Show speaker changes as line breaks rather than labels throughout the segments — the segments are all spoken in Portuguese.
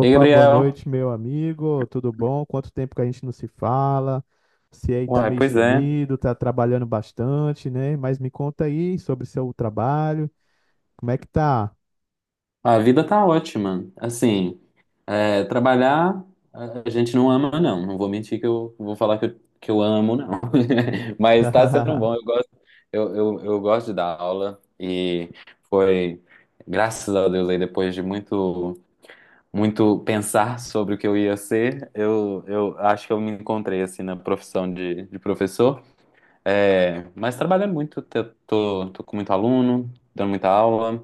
Ei,
boa
Gabriel.
noite, meu amigo. Tudo bom? Quanto tempo que a gente não se fala? Você aí tá
Uai,
meio
pois é.
sumido, tá trabalhando bastante, né? Mas me conta aí sobre seu trabalho. Como é que tá?
A vida tá ótima. Assim, trabalhar a gente não ama, não. Não vou mentir que eu vou falar que eu, amo, não. Mas tá sendo bom. Eu gosto, eu gosto de dar aula e foi, graças a Deus, aí depois de muito, muito pensar sobre o que eu ia ser, eu acho que eu me encontrei, assim, na profissão de professor. É, mas trabalhando muito, tô com muito aluno, dando muita aula.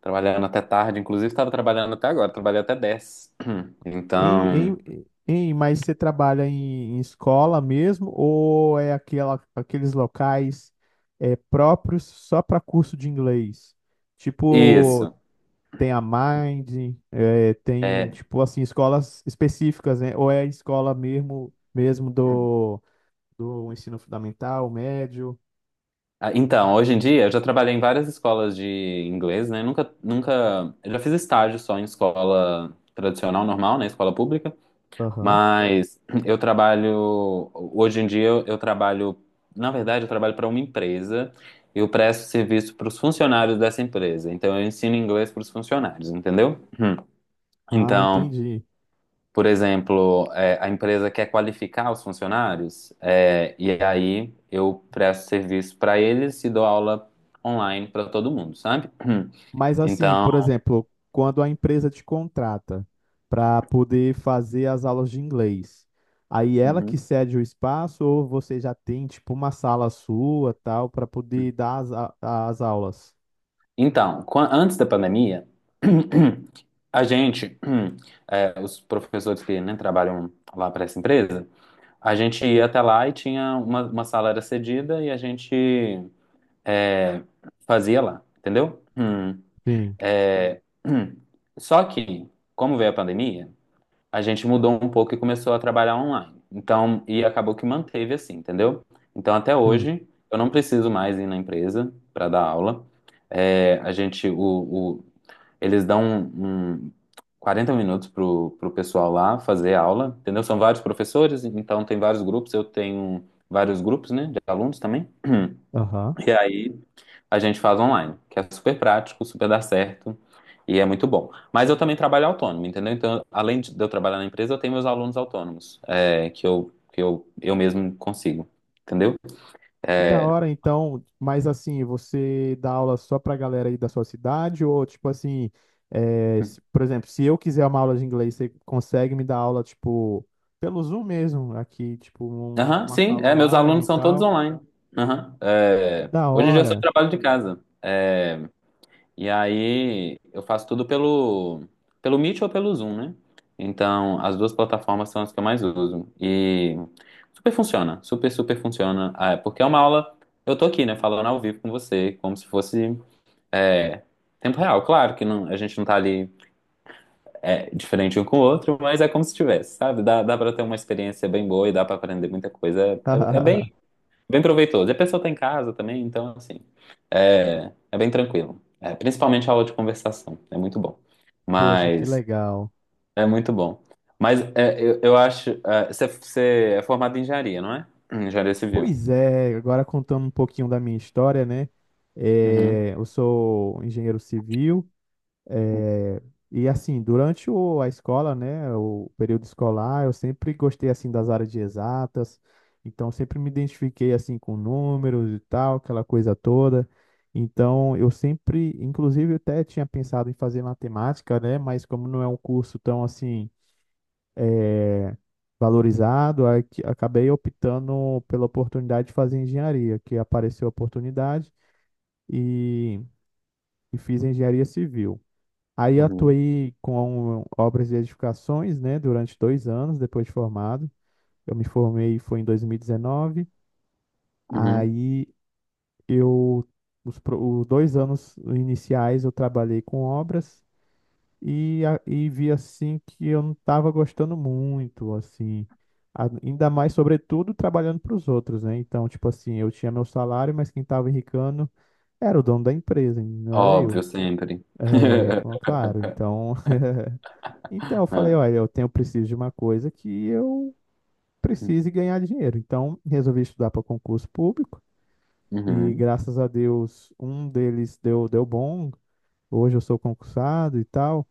Trabalhando até tarde, inclusive estava trabalhando até agora, trabalhei até 10.
Hein,
Então,
hein, hein, mas você trabalha em escola mesmo ou é aquela, aqueles locais, próprios só para curso de inglês? Tipo,
isso.
tem a Mind, tem,
É,
tipo assim, escolas específicas, né? Ou é a escola mesmo, mesmo do ensino fundamental, médio.
então, hoje em dia eu já trabalhei em várias escolas de inglês, né? Nunca, nunca, eu já fiz estágio só em escola tradicional, normal, né? Escola pública,
Aham.
mas eu trabalho, hoje em dia eu trabalho, na verdade eu trabalho para uma empresa, eu presto serviço para os funcionários dessa empresa, então eu ensino inglês para os funcionários, entendeu?
Ah,
Então,
entendi.
por exemplo, é, a empresa quer qualificar os funcionários, é, e aí eu presto serviço para eles e dou aula online para todo mundo, sabe?
Mas assim,
Então,
por exemplo, quando a empresa te contrata para poder fazer as aulas de inglês, aí ela que
uhum.
cede o espaço ou você já tem, tipo, uma sala sua, tal, para poder dar as aulas?
Então, antes da pandemia, a gente, é, os professores que né, trabalham lá para essa empresa, a gente ia até lá e tinha uma sala era cedida e a gente é, fazia lá, entendeu?
Sim,
É. Só que, como veio a pandemia, a gente mudou um pouco e começou a trabalhar online. Então, e acabou que manteve assim, entendeu? Então, até
sim.
hoje, eu não preciso mais ir na empresa para dar aula. É, a gente, eles dão um, 40 minutos pro pessoal lá fazer aula, entendeu? São vários professores, então tem vários grupos, eu tenho vários grupos, né, de alunos também.
Aham.
E aí, a gente faz online, que é super prático, super dá certo e é muito bom. Mas eu também trabalho autônomo, entendeu? Então, além de eu trabalhar na empresa, eu tenho meus alunos autônomos, que eu, eu mesmo consigo, entendeu?
E da
É,
hora, então. Mas assim, você dá aula só pra galera aí da sua cidade? Ou, tipo assim, por exemplo, se eu quiser uma aula de inglês, você consegue me dar aula, tipo, pelo Zoom mesmo, aqui, tipo,
aham,
uma
sim,
sala
meus
online e
alunos são todos
tal?
online. Aham,
Que da
hoje em dia eu só
hora!
trabalho de casa. é, E aí eu faço tudo pelo Meet ou pelo Zoom, né? Então, as duas plataformas são as que eu mais uso. E super funciona, super, super funciona. Ah, porque é uma aula, eu tô aqui, né, falando ao vivo com você, como se fosse é, tempo real. Claro que não, a gente não tá ali diferente um com o outro, mas é como se tivesse, sabe? Dá pra ter uma experiência bem boa e
Hum.
dá pra aprender muita coisa. É bem, bem proveitoso. E a pessoa tá em casa também, então, assim. É bem tranquilo. É, principalmente a aula de conversação. É muito bom.
Poxa, que
Mas
legal.
é muito bom. Mas é, eu acho. Você é formado em engenharia, não é? Engenharia civil.
Pois é, agora contando um pouquinho da minha história, né?
Uhum,
É, eu sou engenheiro civil. É, e assim, durante a escola, né, o período escolar, eu sempre gostei assim das áreas de exatas, então sempre me identifiquei assim com números e tal, aquela coisa toda. Então, eu sempre, inclusive, eu até tinha pensado em fazer matemática, né, mas como não é um curso tão assim valorizado, acabei optando pela oportunidade de fazer engenharia, que apareceu a oportunidade e, e fiz engenharia civil. Aí
uhum,
atuei com obras de edificações, né, durante 2 anos depois de formado. Eu me formei foi em 2019.
uhum.
Aí eu os 2 anos iniciais eu trabalhei com obras, e vi assim que eu não estava gostando muito, assim. Ainda mais, sobretudo trabalhando para os outros, né? Então, tipo assim, eu tinha meu salário, mas quem estava enricando era o dono da empresa, não era
Óbvio,
eu.
sempre.
É, claro, então eu
É,
falei, olha, eu tenho preciso de uma coisa que eu precise ganhar dinheiro. Então resolvi estudar para concurso público e
uhum.
graças a Deus um deles deu bom. Hoje eu sou concursado e tal,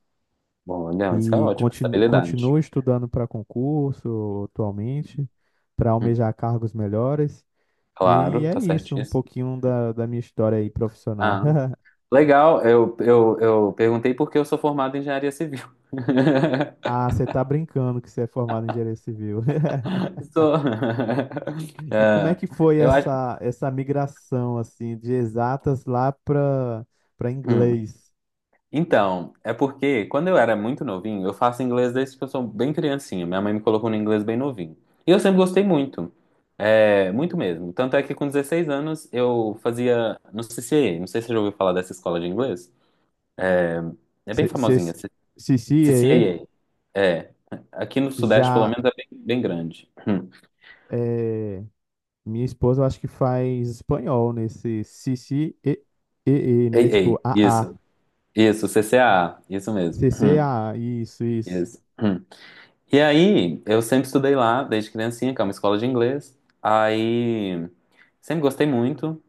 Bom, legal, isso é
e
ótimo.
continuo,
Estabilidade.
continuo estudando para concurso atualmente para
Hum,
almejar cargos melhores. E
Claro,
é
tá
isso, um
certíssimo.
pouquinho da minha história aí profissional.
Ah, legal. Eu perguntei porque eu sou formado em engenharia civil.
Ah, você tá brincando que você é formado em engenharia civil.
Sou.
E como é
É,
que foi
eu acho.
essa migração assim de exatas lá para
Hum.
inglês?
Então, é porque quando eu era muito novinho, eu faço inglês desde que eu sou bem criancinha. Minha mãe me colocou no inglês bem novinho. E eu sempre gostei muito. É, muito mesmo. Tanto é que com 16 anos eu fazia no CCA. Não sei se você já ouviu falar dessa escola de inglês. É bem famosinha,
C C E
CCAA. É. Aqui no Sudeste, pelo
já
menos, é bem, bem grande. Hum.
é, minha esposa eu acho que faz espanhol nesse C C E, né?
Ei, ei.
Tipo A
Isso. Isso, CCAA. Isso mesmo.
C
Hum.
AA, A, isso, isso.
Isso. Hum. E aí, eu sempre estudei lá desde criancinha, que é uma escola de inglês. Aí. Sempre gostei muito.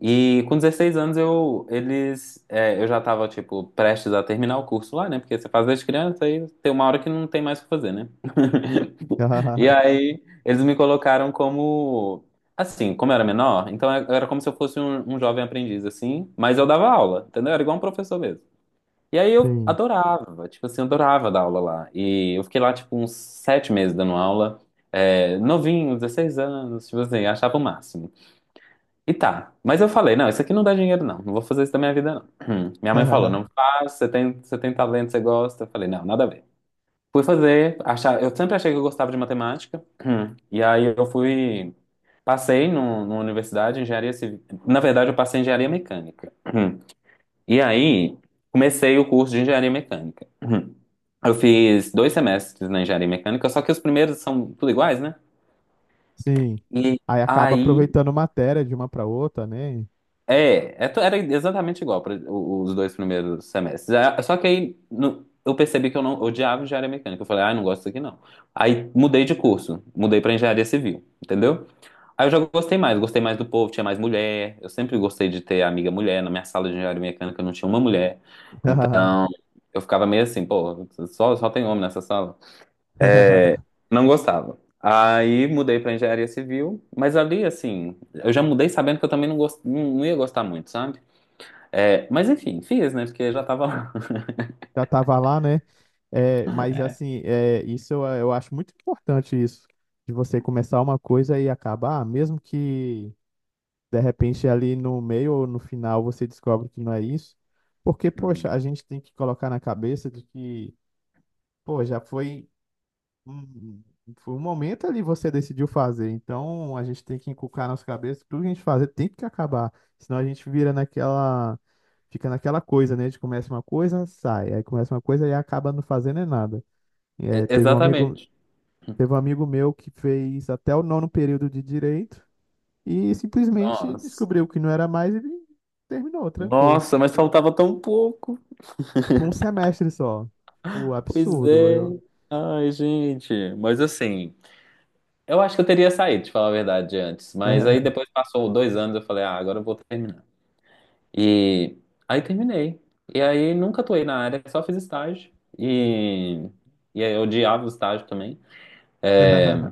E com 16 anos eu já tava tipo prestes a terminar o curso lá, né? Porque você faz desde criança e tem uma hora que não tem mais o que fazer, né? E aí eles me colocaram como assim, como eu era menor, então eu era como se eu fosse um jovem aprendiz assim, mas eu dava aula, entendeu? Era igual um professor mesmo. E aí eu
Sim.
adorava, tipo assim, eu adorava dar aula lá. E eu fiquei lá tipo uns 7 meses dando aula, novinho, 16 anos, tipo assim, achava o máximo. E tá. Mas eu falei, não, isso aqui não dá dinheiro, não. Não vou fazer isso da minha vida, não. Hum. Minha mãe falou, não faz, você tem talento, você gosta. Eu falei, não, nada a ver. Fui fazer, achar, eu sempre achei que eu gostava de matemática. Hum. E aí eu fui, passei no, numa universidade, engenharia civil. Na verdade, eu passei em engenharia mecânica. Hum. E aí comecei o curso de engenharia mecânica. Hum. Eu fiz 2 semestres na engenharia mecânica, só que os primeiros são tudo iguais, né?
Sim.
E
Aí acaba
aí,
aproveitando matéria de uma para outra, né?
Era exatamente igual para os 2 primeiros semestres. Ah, só que aí eu percebi que eu não odiava engenharia mecânica. Eu falei, ah, não gosto disso aqui não. Aí mudei de curso, mudei para engenharia civil, entendeu? Aí eu já gostei mais do povo, tinha mais mulher. Eu sempre gostei de ter amiga mulher. Na minha sala de engenharia mecânica não tinha uma mulher. Eu ficava meio assim, pô, só tem homem nessa sala. Não gostava. Aí mudei para engenharia civil, mas ali assim, eu já mudei sabendo que eu também não, não não ia gostar muito, sabe? É, mas enfim, fiz, né? Porque já tava lá.
Já estava lá, né? É, mas assim, é, isso eu, acho muito importante isso, de você começar uma coisa e acabar, mesmo que de repente ali no meio ou no final você descobre que não é isso, porque, poxa,
Uhum.
a gente tem que colocar na cabeça de que, pô, já foi. Hum, Foi um momento ali, você decidiu fazer, então a gente tem que inculcar nas cabeças que tudo que a gente fazer tem que acabar, senão a gente vira naquela, fica naquela coisa, né? A gente começa uma coisa, sai, aí começa uma coisa e acaba não fazendo é nada. É, teve um amigo,
Exatamente.
teve um amigo meu que fez até o nono período de direito e simplesmente
Nossa.
descobriu que não era mais, e terminou, trancou.
Nossa, mas faltava tão pouco.
Tipo um semestre só. Tipo,
Pois
absurdo.
é.
Eu.
Ai, gente. Mas assim, eu acho que eu teria saído, te falar a verdade, antes. Mas aí depois passou 2 anos, eu falei, ah, agora eu vou terminar. E aí terminei. E aí nunca atuei na área, só fiz estágio. E, e aí eu odiava o estágio também.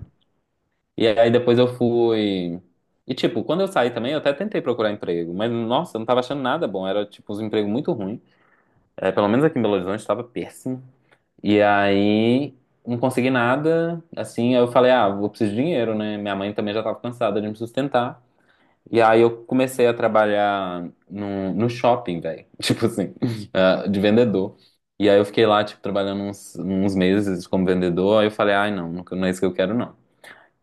E aí depois eu fui. E tipo, quando eu saí também, eu até tentei procurar emprego, mas nossa, eu não tava achando nada bom, era tipo uns empregos muito ruins. É, pelo menos aqui em Belo Horizonte tava péssimo. E aí não consegui nada, assim, aí eu falei, ah, eu preciso de dinheiro, né? Minha mãe também já tava cansada de me sustentar. E aí eu comecei a trabalhar no, shopping, velho. Tipo assim, ah, de vendedor. E aí eu fiquei lá, tipo, trabalhando uns meses como vendedor. Aí eu falei, ai, não, não é isso que eu quero, não.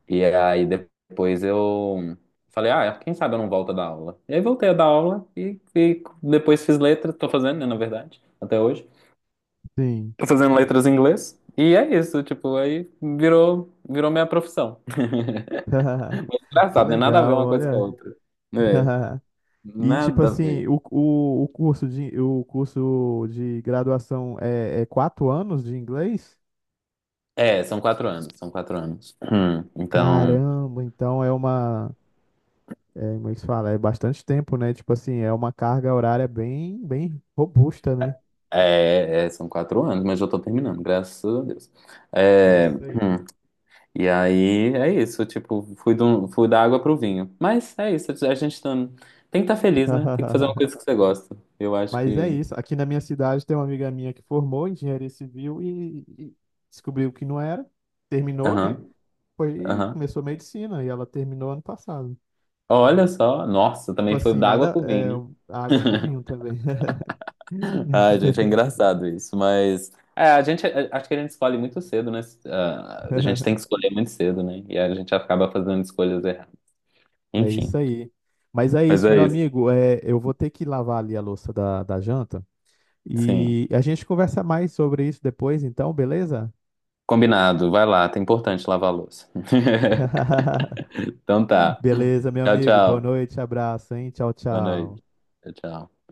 E aí depois eu falei, ah, quem sabe eu não volto a dar aula. E aí voltei a dar aula e depois fiz letra, tô fazendo, né, na verdade, até hoje.
Sim.
Tô fazendo letras em inglês. E é isso, tipo, aí virou minha profissão.
Que
Engraçado, né? Nada a ver
legal,
uma coisa com a
olha.
outra. É,
E tipo
nada a
assim,
ver.
o curso de graduação é 4 anos de inglês?
É, são quatro anos. Então,
Caramba, então como é que se fala? É bastante tempo, né? Tipo assim, é uma carga horária bem bem robusta, né?
são 4 anos, mas eu tô terminando, graças a Deus.
É
É,
isso aí.
e aí é isso, tipo, fui, fui da água pro vinho. Mas é isso, a gente tá, tem que estar feliz, né? Tem que fazer uma coisa que você gosta. Eu acho
Mas é
que.
isso. Aqui na minha cidade tem uma amiga minha que formou em engenharia civil e descobriu que não era, terminou,
Aham,
né? Foi, e
aham.
começou medicina e ela terminou ano passado.
Olha só, nossa,
Tipo
também foi
assim,
da água
nada,
pro
é,
vinho,
água pro vinho também.
né? Ai, gente, é engraçado isso, mas. É, a gente, acho que a gente escolhe muito cedo, né? Ah, a gente tem que escolher muito cedo, né? E a gente acaba fazendo escolhas erradas.
É
Enfim,
isso aí. Mas é
mas
isso,
é
meu
isso.
amigo. É, eu vou ter que lavar ali a louça da janta.
Sim.
E a gente conversa mais sobre isso depois, então, beleza?
Combinado, vai lá, tá importante lavar a louça. Então tá.
Beleza, meu
Tchau,
amigo. Boa
tchau.
noite, abraço, hein? Tchau,
Boa
tchau.
noite. Tchau.